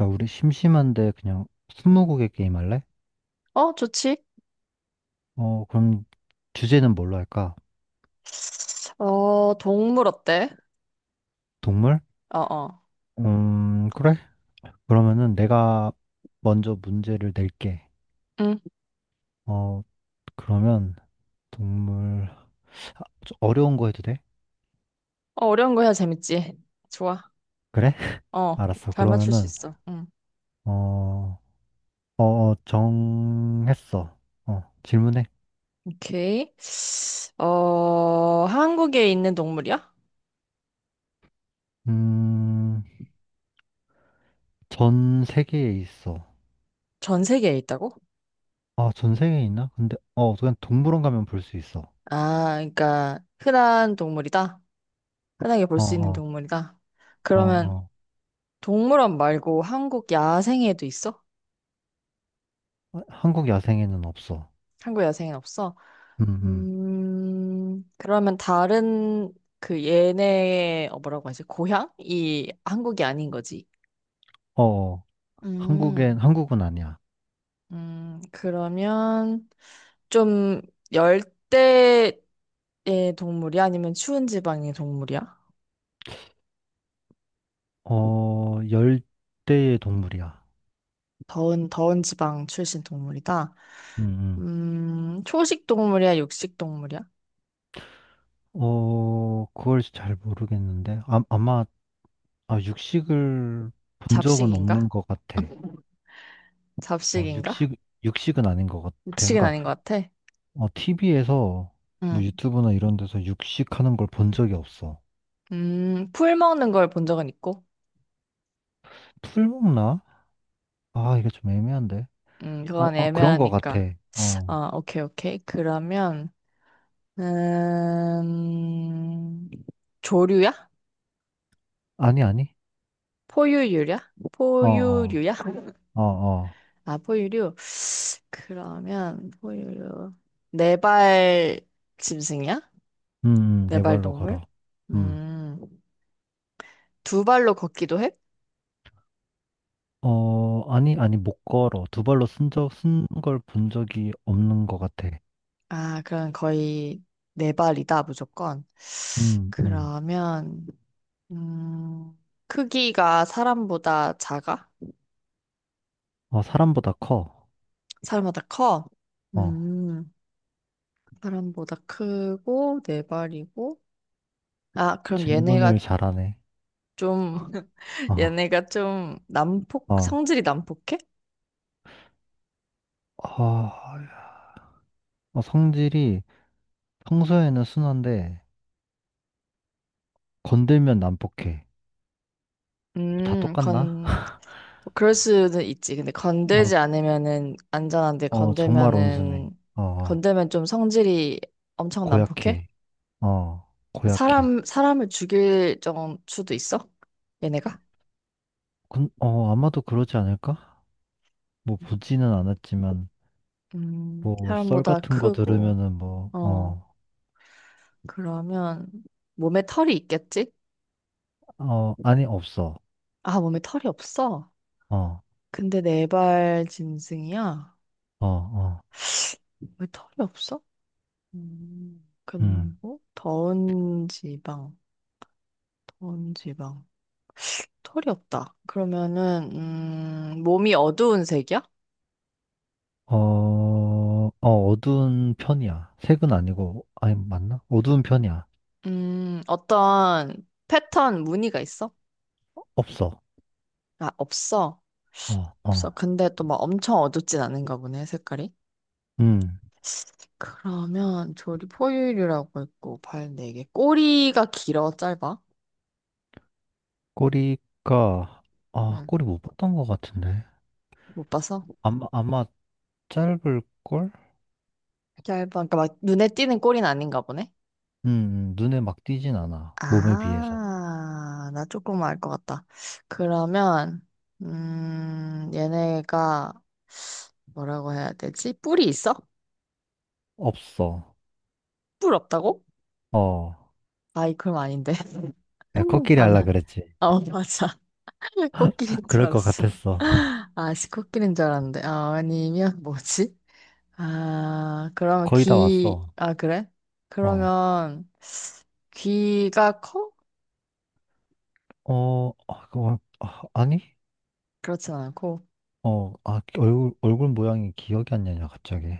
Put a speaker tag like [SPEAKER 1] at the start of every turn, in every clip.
[SPEAKER 1] 야, 우리 심심한데 그냥 스무고개 게임 할래?
[SPEAKER 2] 좋지.
[SPEAKER 1] 그럼 주제는 뭘로 할까?
[SPEAKER 2] 동물 어때?
[SPEAKER 1] 동물?
[SPEAKER 2] 어.
[SPEAKER 1] 그래? 그러면은 내가 먼저 문제를 낼게.
[SPEAKER 2] 응.
[SPEAKER 1] 어, 그러면 동물 좀 어려운 거 해도 돼?
[SPEAKER 2] 어려운 거 해야 재밌지. 좋아.
[SPEAKER 1] 그래?
[SPEAKER 2] 어,
[SPEAKER 1] 알았어.
[SPEAKER 2] 잘 맞출 수
[SPEAKER 1] 그러면은
[SPEAKER 2] 있어. 응.
[SPEAKER 1] 어, 정했어. 질문해.
[SPEAKER 2] 오케이. 한국에 있는 동물이야?
[SPEAKER 1] 음, 전 세계에 있어.
[SPEAKER 2] 전 세계에 있다고?
[SPEAKER 1] 아, 전 세계에 있나? 근데 그냥 동물원 가면 볼 수 있어.
[SPEAKER 2] 아, 그러니까 흔한 동물이다. 흔하게 볼
[SPEAKER 1] 어,
[SPEAKER 2] 수 있는
[SPEAKER 1] 어,
[SPEAKER 2] 동물이다.
[SPEAKER 1] 어,
[SPEAKER 2] 그러면
[SPEAKER 1] 어.
[SPEAKER 2] 동물원 말고 한국 야생에도 있어?
[SPEAKER 1] 아, 한국 야생에는 없어.
[SPEAKER 2] 한국 여생은 없어?
[SPEAKER 1] 음, 음.
[SPEAKER 2] 그러면 다른 그 얘네의 뭐라고 하지? 고향이 한국이 아닌 거지.
[SPEAKER 1] 어, 어.
[SPEAKER 2] 음,
[SPEAKER 1] 한국은 아니야.
[SPEAKER 2] 그러면 좀 열대의 동물이 아니면 추운 지방의 동물이야?
[SPEAKER 1] 열대의 동물이야.
[SPEAKER 2] 더운 지방 출신 동물이다.
[SPEAKER 1] 음,
[SPEAKER 2] 초식 동물이야, 육식 동물이야?
[SPEAKER 1] 그걸 잘 모르겠는데. 아, 육식을 본 적은
[SPEAKER 2] 잡식인가?
[SPEAKER 1] 없는 것 같아. 어,
[SPEAKER 2] 잡식인가?
[SPEAKER 1] 육식, 육식은 아닌 것 같아.
[SPEAKER 2] 육식은
[SPEAKER 1] 그러니까,
[SPEAKER 2] 아닌 것 같아.
[SPEAKER 1] TV에서,
[SPEAKER 2] 음,
[SPEAKER 1] 뭐 유튜브나 이런 데서 육식하는 걸 본 적이 없어.
[SPEAKER 2] 풀 먹는 걸 본 적은 있고.
[SPEAKER 1] 풀 먹나? 아, 이게 좀 애매한데.
[SPEAKER 2] 그건
[SPEAKER 1] 그런 것 같아.
[SPEAKER 2] 애매하니까.
[SPEAKER 1] 어.
[SPEAKER 2] 아, 오케이, 오케이. 그러면, 음, 조류야?
[SPEAKER 1] 아니, 아니.
[SPEAKER 2] 포유류야?
[SPEAKER 1] 어, 어,
[SPEAKER 2] 포유류야?
[SPEAKER 1] 어, 어.
[SPEAKER 2] 아, 포유류. 그러면, 포유류. 네발 짐승이야?
[SPEAKER 1] 네
[SPEAKER 2] 네발
[SPEAKER 1] 발로
[SPEAKER 2] 동물?
[SPEAKER 1] 걸어. 음.
[SPEAKER 2] 음, 두 발로 걷기도 해?
[SPEAKER 1] 어, 아니, 아니, 못 걸어. 두 발로 쓴 적, 쓴 걸 본 적이 없는 것 같아.
[SPEAKER 2] 아, 그럼 거의 네 발이다, 무조건.
[SPEAKER 1] 음, 음.
[SPEAKER 2] 그러면, 음, 크기가 사람보다 작아?
[SPEAKER 1] 사람보다 커.
[SPEAKER 2] 사람보다 커?
[SPEAKER 1] 어,
[SPEAKER 2] 음, 사람보다 크고, 네 발이고. 아, 그럼
[SPEAKER 1] 질문을
[SPEAKER 2] 얘네가
[SPEAKER 1] 잘하네.
[SPEAKER 2] 좀,
[SPEAKER 1] 어,
[SPEAKER 2] 얘네가 좀 난폭,
[SPEAKER 1] 어,
[SPEAKER 2] 성질이 난폭해?
[SPEAKER 1] 어, 성질이 평소에는 순한데, 건들면 난폭해. 다
[SPEAKER 2] 음,
[SPEAKER 1] 똑같나?
[SPEAKER 2] 건, 뭐 그럴 수는 있지. 근데 건들지
[SPEAKER 1] 어,
[SPEAKER 2] 않으면은 안전한데,
[SPEAKER 1] 정말 온순해.
[SPEAKER 2] 건들면은,
[SPEAKER 1] 어, 어,
[SPEAKER 2] 건들면 좀 성질이 엄청 난폭해?
[SPEAKER 1] 고약해. 어, 고약해.
[SPEAKER 2] 사람을 죽일 정 수도 있어? 얘네가?
[SPEAKER 1] 아마도 그러지 않을까? 뭐, 보지는 않았지만, 뭐, 썰
[SPEAKER 2] 사람보다
[SPEAKER 1] 같은 거
[SPEAKER 2] 크고,
[SPEAKER 1] 들으면은 뭐,
[SPEAKER 2] 어.
[SPEAKER 1] 어,
[SPEAKER 2] 그러면 몸에 털이 있겠지?
[SPEAKER 1] 어, 아니, 없어.
[SPEAKER 2] 아, 몸에 털이 없어.
[SPEAKER 1] 어,
[SPEAKER 2] 근데 네 발 짐승이야.
[SPEAKER 1] 어, 어,
[SPEAKER 2] 왜 털이 없어?
[SPEAKER 1] 음.
[SPEAKER 2] 그리고 더운 지방, 더운 지방. 털이 없다. 그러면은 몸이 어두운 색이야?
[SPEAKER 1] 어두운 편이야. 색은 아니고, 아니, 맞나? 어두운 편이야.
[SPEAKER 2] 어떤 패턴 무늬가 있어?
[SPEAKER 1] 없어.
[SPEAKER 2] 아, 없어.
[SPEAKER 1] 어,
[SPEAKER 2] 없어.
[SPEAKER 1] 어,
[SPEAKER 2] 근데 또 막 엄청 어둡진 않은가 보네, 색깔이.
[SPEAKER 1] 음.
[SPEAKER 2] 그러면 조리 포유류라고 있고 발 네 개 꼬리가 길어 짧아?
[SPEAKER 1] 꼬리가, 아,
[SPEAKER 2] 응.
[SPEAKER 1] 꼬리 못 봤던 것 같은데.
[SPEAKER 2] 못 봤어?
[SPEAKER 1] 아마 짧을걸?
[SPEAKER 2] 짧아. 그러니까 막 눈에 띄는 꼬리는 아닌가 보네.
[SPEAKER 1] 눈에 막 띄진 않아. 몸에 비해서.
[SPEAKER 2] 아, 나 조금 알 것 같다. 그러면 얘네가 뭐라고 해야 되지? 뿔이 있어?
[SPEAKER 1] 없어.
[SPEAKER 2] 뿔 없다고?
[SPEAKER 1] 어,
[SPEAKER 2] 아이 그럼 아닌데.
[SPEAKER 1] 야, 코끼리
[SPEAKER 2] 아,
[SPEAKER 1] 할라
[SPEAKER 2] 나,
[SPEAKER 1] 그랬지.
[SPEAKER 2] 어, 맞아. 코끼리인 줄
[SPEAKER 1] 그럴 것
[SPEAKER 2] 알았어.
[SPEAKER 1] 같았어.
[SPEAKER 2] 아, 씨, 코끼리인 줄 알았는데. 아, 아니면 뭐지?
[SPEAKER 1] 거의 다 왔어.
[SPEAKER 2] 아, 그래?
[SPEAKER 1] 어.
[SPEAKER 2] 그러면 귀가 커?
[SPEAKER 1] 아니?
[SPEAKER 2] 그렇진 않고.
[SPEAKER 1] 얼굴 모양이 기억이 안 나냐, 갑자기.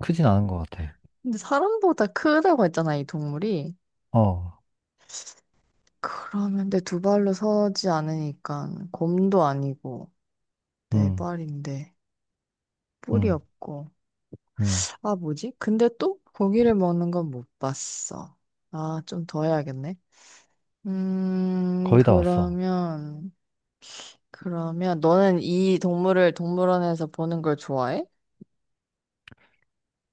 [SPEAKER 1] 크진 않은 것 같아.
[SPEAKER 2] 근데 사람보다 크다고 했잖아, 이 동물이.
[SPEAKER 1] 어,
[SPEAKER 2] 그러면 내 두 발로 서지 않으니까 곰도 아니고 네
[SPEAKER 1] 음,
[SPEAKER 2] 발인데 뿔이
[SPEAKER 1] 음,
[SPEAKER 2] 없고.
[SPEAKER 1] 음.
[SPEAKER 2] 아, 뭐지? 근데 또 고기를 먹는 건 못 봤어. 아, 좀 더 해야겠네. 음,
[SPEAKER 1] 거의 다 왔어.
[SPEAKER 2] 그러면, 그러면 너는 이 동물을 동물원에서 보는 걸 좋아해?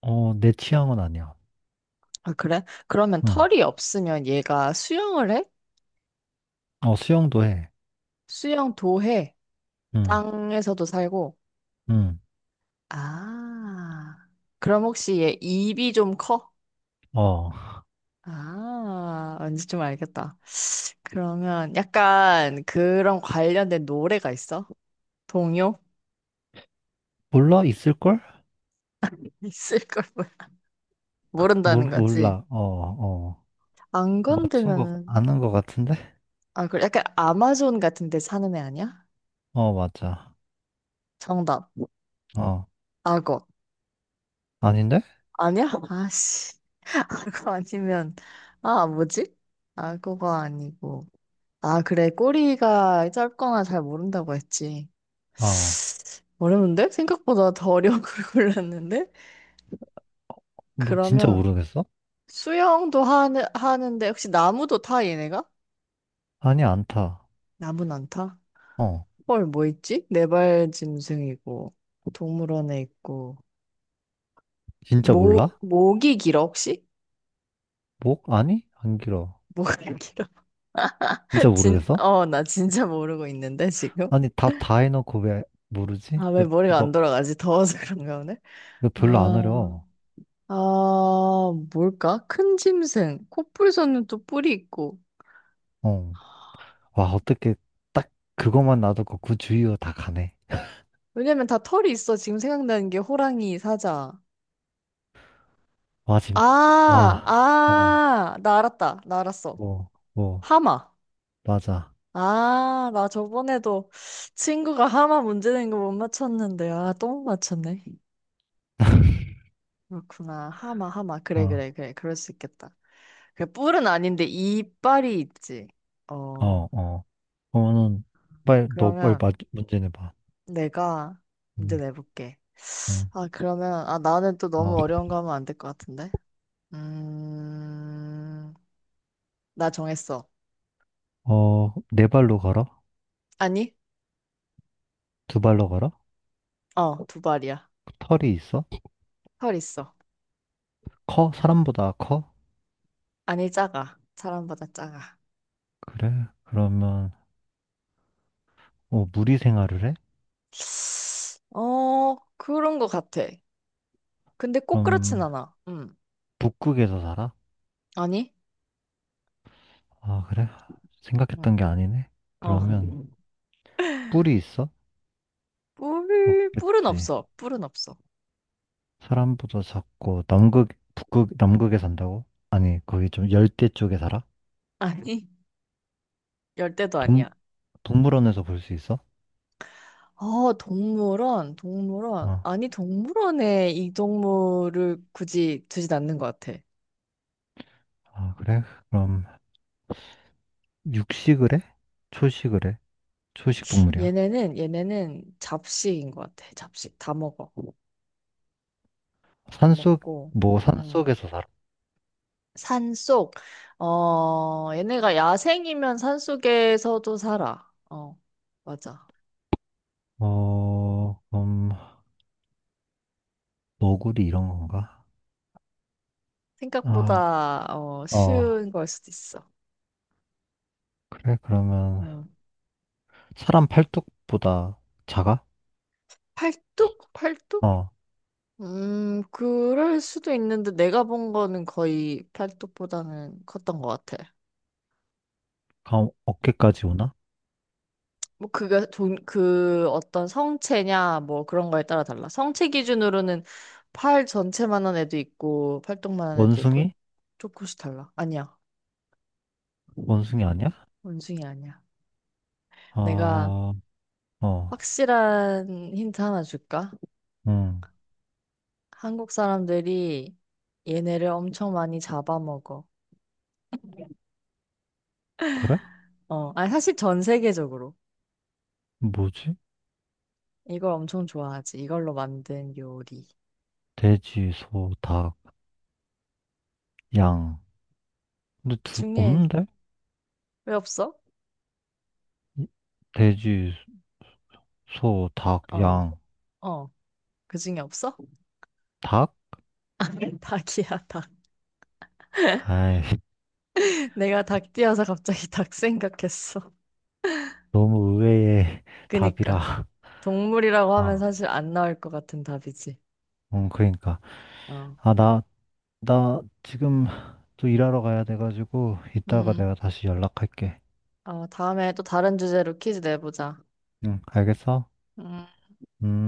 [SPEAKER 1] 내 취향은 아니야.
[SPEAKER 2] 아, 그래? 그러면
[SPEAKER 1] 음.
[SPEAKER 2] 털이 없으면 얘가 수영을 해?
[SPEAKER 1] 수영도 해.
[SPEAKER 2] 수영도 해.
[SPEAKER 1] 음,
[SPEAKER 2] 땅에서도 살고.
[SPEAKER 1] 음.
[SPEAKER 2] 아, 그럼 혹시 얘 입이 좀 커?
[SPEAKER 1] 어,
[SPEAKER 2] 아, 왠지 좀 알겠다. 그러면 약간 그런 관련된 노래가 있어? 동요?
[SPEAKER 1] 몰라? 있을걸?
[SPEAKER 2] 있을 걸 몰- 모른다는 거지.
[SPEAKER 1] 몰라. 어, 어.
[SPEAKER 2] 안
[SPEAKER 1] 맞춘 거,
[SPEAKER 2] 건들면,
[SPEAKER 1] 아는 거 같은데?
[SPEAKER 2] 아, 그래. 약간 아마존 같은 데 사는 애 아니야?
[SPEAKER 1] 어, 맞아.
[SPEAKER 2] 정답.
[SPEAKER 1] 어,
[SPEAKER 2] 악어.
[SPEAKER 1] 아닌데?
[SPEAKER 2] 아니야? 아씨. 아, 그거 아니면, 아, 뭐지? 아, 그거 아니고. 아, 그래. 꼬리가 짧거나 잘 모른다고 했지.
[SPEAKER 1] 어,
[SPEAKER 2] 어려운데? 생각보다 더 어려운 걸 골랐는데?
[SPEAKER 1] 뭐, 진짜
[SPEAKER 2] 그러면
[SPEAKER 1] 모르겠어?
[SPEAKER 2] 하는데, 혹시 나무도 타, 얘네가?
[SPEAKER 1] 아니, 안 타.
[SPEAKER 2] 나무는 안 타?
[SPEAKER 1] 어,
[SPEAKER 2] 헐, 뭐 있지? 네발짐승이고, 동물원에 있고,
[SPEAKER 1] 진짜 몰라?
[SPEAKER 2] 목이 길어, 혹시?
[SPEAKER 1] 목? 아니? 안 길어.
[SPEAKER 2] 목이 길어?
[SPEAKER 1] 진짜 모르겠어?
[SPEAKER 2] 나 진짜 모르고 있는데, 지금?
[SPEAKER 1] 아니, 답 다 해놓고 왜 모르지?
[SPEAKER 2] 아, 왜 머리가 안 돌아가지? 더워서 그런가 오늘?
[SPEAKER 1] 이거 별로 안
[SPEAKER 2] 아,
[SPEAKER 1] 어려워.
[SPEAKER 2] 아, 뭘까? 큰 짐승. 코뿔소는 또 뿔이 있고.
[SPEAKER 1] 어. 와, 어떻게 딱 그것만 놔두고 그 주위로 다 가네.
[SPEAKER 2] 왜냐면 다 털이 있어. 지금 생각나는 게 호랑이, 사자.
[SPEAKER 1] 와, 지금,
[SPEAKER 2] 아,
[SPEAKER 1] 와, 어,
[SPEAKER 2] 나 알았다. 나 알았어.
[SPEAKER 1] 뭐,
[SPEAKER 2] 하마.
[SPEAKER 1] 맞아.
[SPEAKER 2] 아, 나 저번에도 친구가 하마 문제 낸 거 못 맞췄는데, 아, 또 못 맞췄네. 그렇구나. 하마, 하마. 그래,
[SPEAKER 1] 어,
[SPEAKER 2] 그래, 그래. 그럴 수 있겠다. 그 뿔은 아닌데 이빨이 있지. 어,
[SPEAKER 1] 어, 어. 그러면은, 빨리, 너 빨리
[SPEAKER 2] 그러면.
[SPEAKER 1] 맞, 문제 내봐.
[SPEAKER 2] 내가 문제
[SPEAKER 1] 응,
[SPEAKER 2] 내볼게.
[SPEAKER 1] 응.
[SPEAKER 2] 아, 나는 또
[SPEAKER 1] 어,
[SPEAKER 2] 너무 어려운 거 하면 안 될 것 같은데? 음, 나 정했어.
[SPEAKER 1] 네 발로 걸어?
[SPEAKER 2] 아니?
[SPEAKER 1] 두 발로 걸어?
[SPEAKER 2] 어, 두 발이야.
[SPEAKER 1] 털이 있어?
[SPEAKER 2] 털 있어.
[SPEAKER 1] 커? 사람보다 커?
[SPEAKER 2] 아니, 작아. 사람보다 작아.
[SPEAKER 1] 그래? 그러면, 무리 생활을 해?
[SPEAKER 2] 어, 그런 거 같아. 근데 꼭 그렇진
[SPEAKER 1] 그럼,
[SPEAKER 2] 않아.
[SPEAKER 1] 북극에서 살아?
[SPEAKER 2] 아니?
[SPEAKER 1] 아, 그래?
[SPEAKER 2] 음,
[SPEAKER 1] 생각했던 게 아니네?
[SPEAKER 2] 어,
[SPEAKER 1] 그러면 뿔이 있어?
[SPEAKER 2] 뿔은
[SPEAKER 1] 없겠지.
[SPEAKER 2] 없어.
[SPEAKER 1] 사람보다 작고 북극, 남극에 산다고? 아니, 거기 좀 열대 쪽에 살아?
[SPEAKER 2] 아니, 열대도
[SPEAKER 1] 동,
[SPEAKER 2] 아니야.
[SPEAKER 1] 동물원에서 볼 수 있어?
[SPEAKER 2] 동물원.
[SPEAKER 1] 아,
[SPEAKER 2] 아니, 동물원에 이 동물을 굳이 두진 않는 것 같아.
[SPEAKER 1] 아, 그래? 그럼 육식을 해? 초식을 해? 초식 동물이야.
[SPEAKER 2] 얘네는 잡식인 것 같아. 잡식. 다 먹어. 다 먹고. 음.
[SPEAKER 1] 산속에서 살아?
[SPEAKER 2] 산속. 어, 얘네가 야생이면 산속에서도 살아. 어, 맞아.
[SPEAKER 1] 어, 그럼 너구리 이런 건가? 아,
[SPEAKER 2] 생각보다, 어,
[SPEAKER 1] 어,
[SPEAKER 2] 쉬운 걸 수도 있어.
[SPEAKER 1] 그래? 그러면
[SPEAKER 2] 음.
[SPEAKER 1] 사람 팔뚝보다 작아?
[SPEAKER 2] 팔뚝?
[SPEAKER 1] 어.
[SPEAKER 2] 그럴 수도 있는데 내가 본 거는 거의 팔뚝보다는 컸던 것 같아.
[SPEAKER 1] 아, 어깨까지 오나?
[SPEAKER 2] 뭐 그게 돈, 그 어떤 성체냐 뭐 그런 거에 따라 달라. 성체 기준으로는 팔 전체만한 애도 있고 팔뚝만한 애도 있고
[SPEAKER 1] 원숭이?
[SPEAKER 2] 조금씩 달라. 아니야.
[SPEAKER 1] 원숭이 아니야?
[SPEAKER 2] 원숭이 아니야. 내가
[SPEAKER 1] 아, 어,
[SPEAKER 2] 확실한 힌트 하나 줄까?
[SPEAKER 1] 응,
[SPEAKER 2] 한국 사람들이 얘네를 엄청 많이 잡아먹어.
[SPEAKER 1] 그래?
[SPEAKER 2] 어, 아니 사실 전 세계적으로.
[SPEAKER 1] 뭐지?
[SPEAKER 2] 이걸 엄청 좋아하지. 이걸로 만든 요리
[SPEAKER 1] 돼지, 소, 닭, 양. 근데
[SPEAKER 2] 중에
[SPEAKER 1] 없는데?
[SPEAKER 2] 왜 없어?
[SPEAKER 1] 이- 돼지, 소, 닭,
[SPEAKER 2] 어,
[SPEAKER 1] 양.
[SPEAKER 2] 어, 그 중에 없어?
[SPEAKER 1] 닭?
[SPEAKER 2] 닭이야, 닭.
[SPEAKER 1] 아이,
[SPEAKER 2] 내가 닭 뛰어서 갑자기 닭 생각했어.
[SPEAKER 1] 너무 의외의
[SPEAKER 2] 그니까
[SPEAKER 1] 답이라.
[SPEAKER 2] 동물이라고 하면
[SPEAKER 1] 아,
[SPEAKER 2] 사실 안 나올 것 같은 답이지.
[SPEAKER 1] 응, 그러니까.
[SPEAKER 2] 어,
[SPEAKER 1] 아, 나, 나 지금 또 일하러 가야 돼가지고, 이따가
[SPEAKER 2] 음,
[SPEAKER 1] 내가 다시 연락할게.
[SPEAKER 2] 다음에 또 다른 주제로 퀴즈 내보자.
[SPEAKER 1] 응, 알겠어?
[SPEAKER 2] 음.
[SPEAKER 1] 음.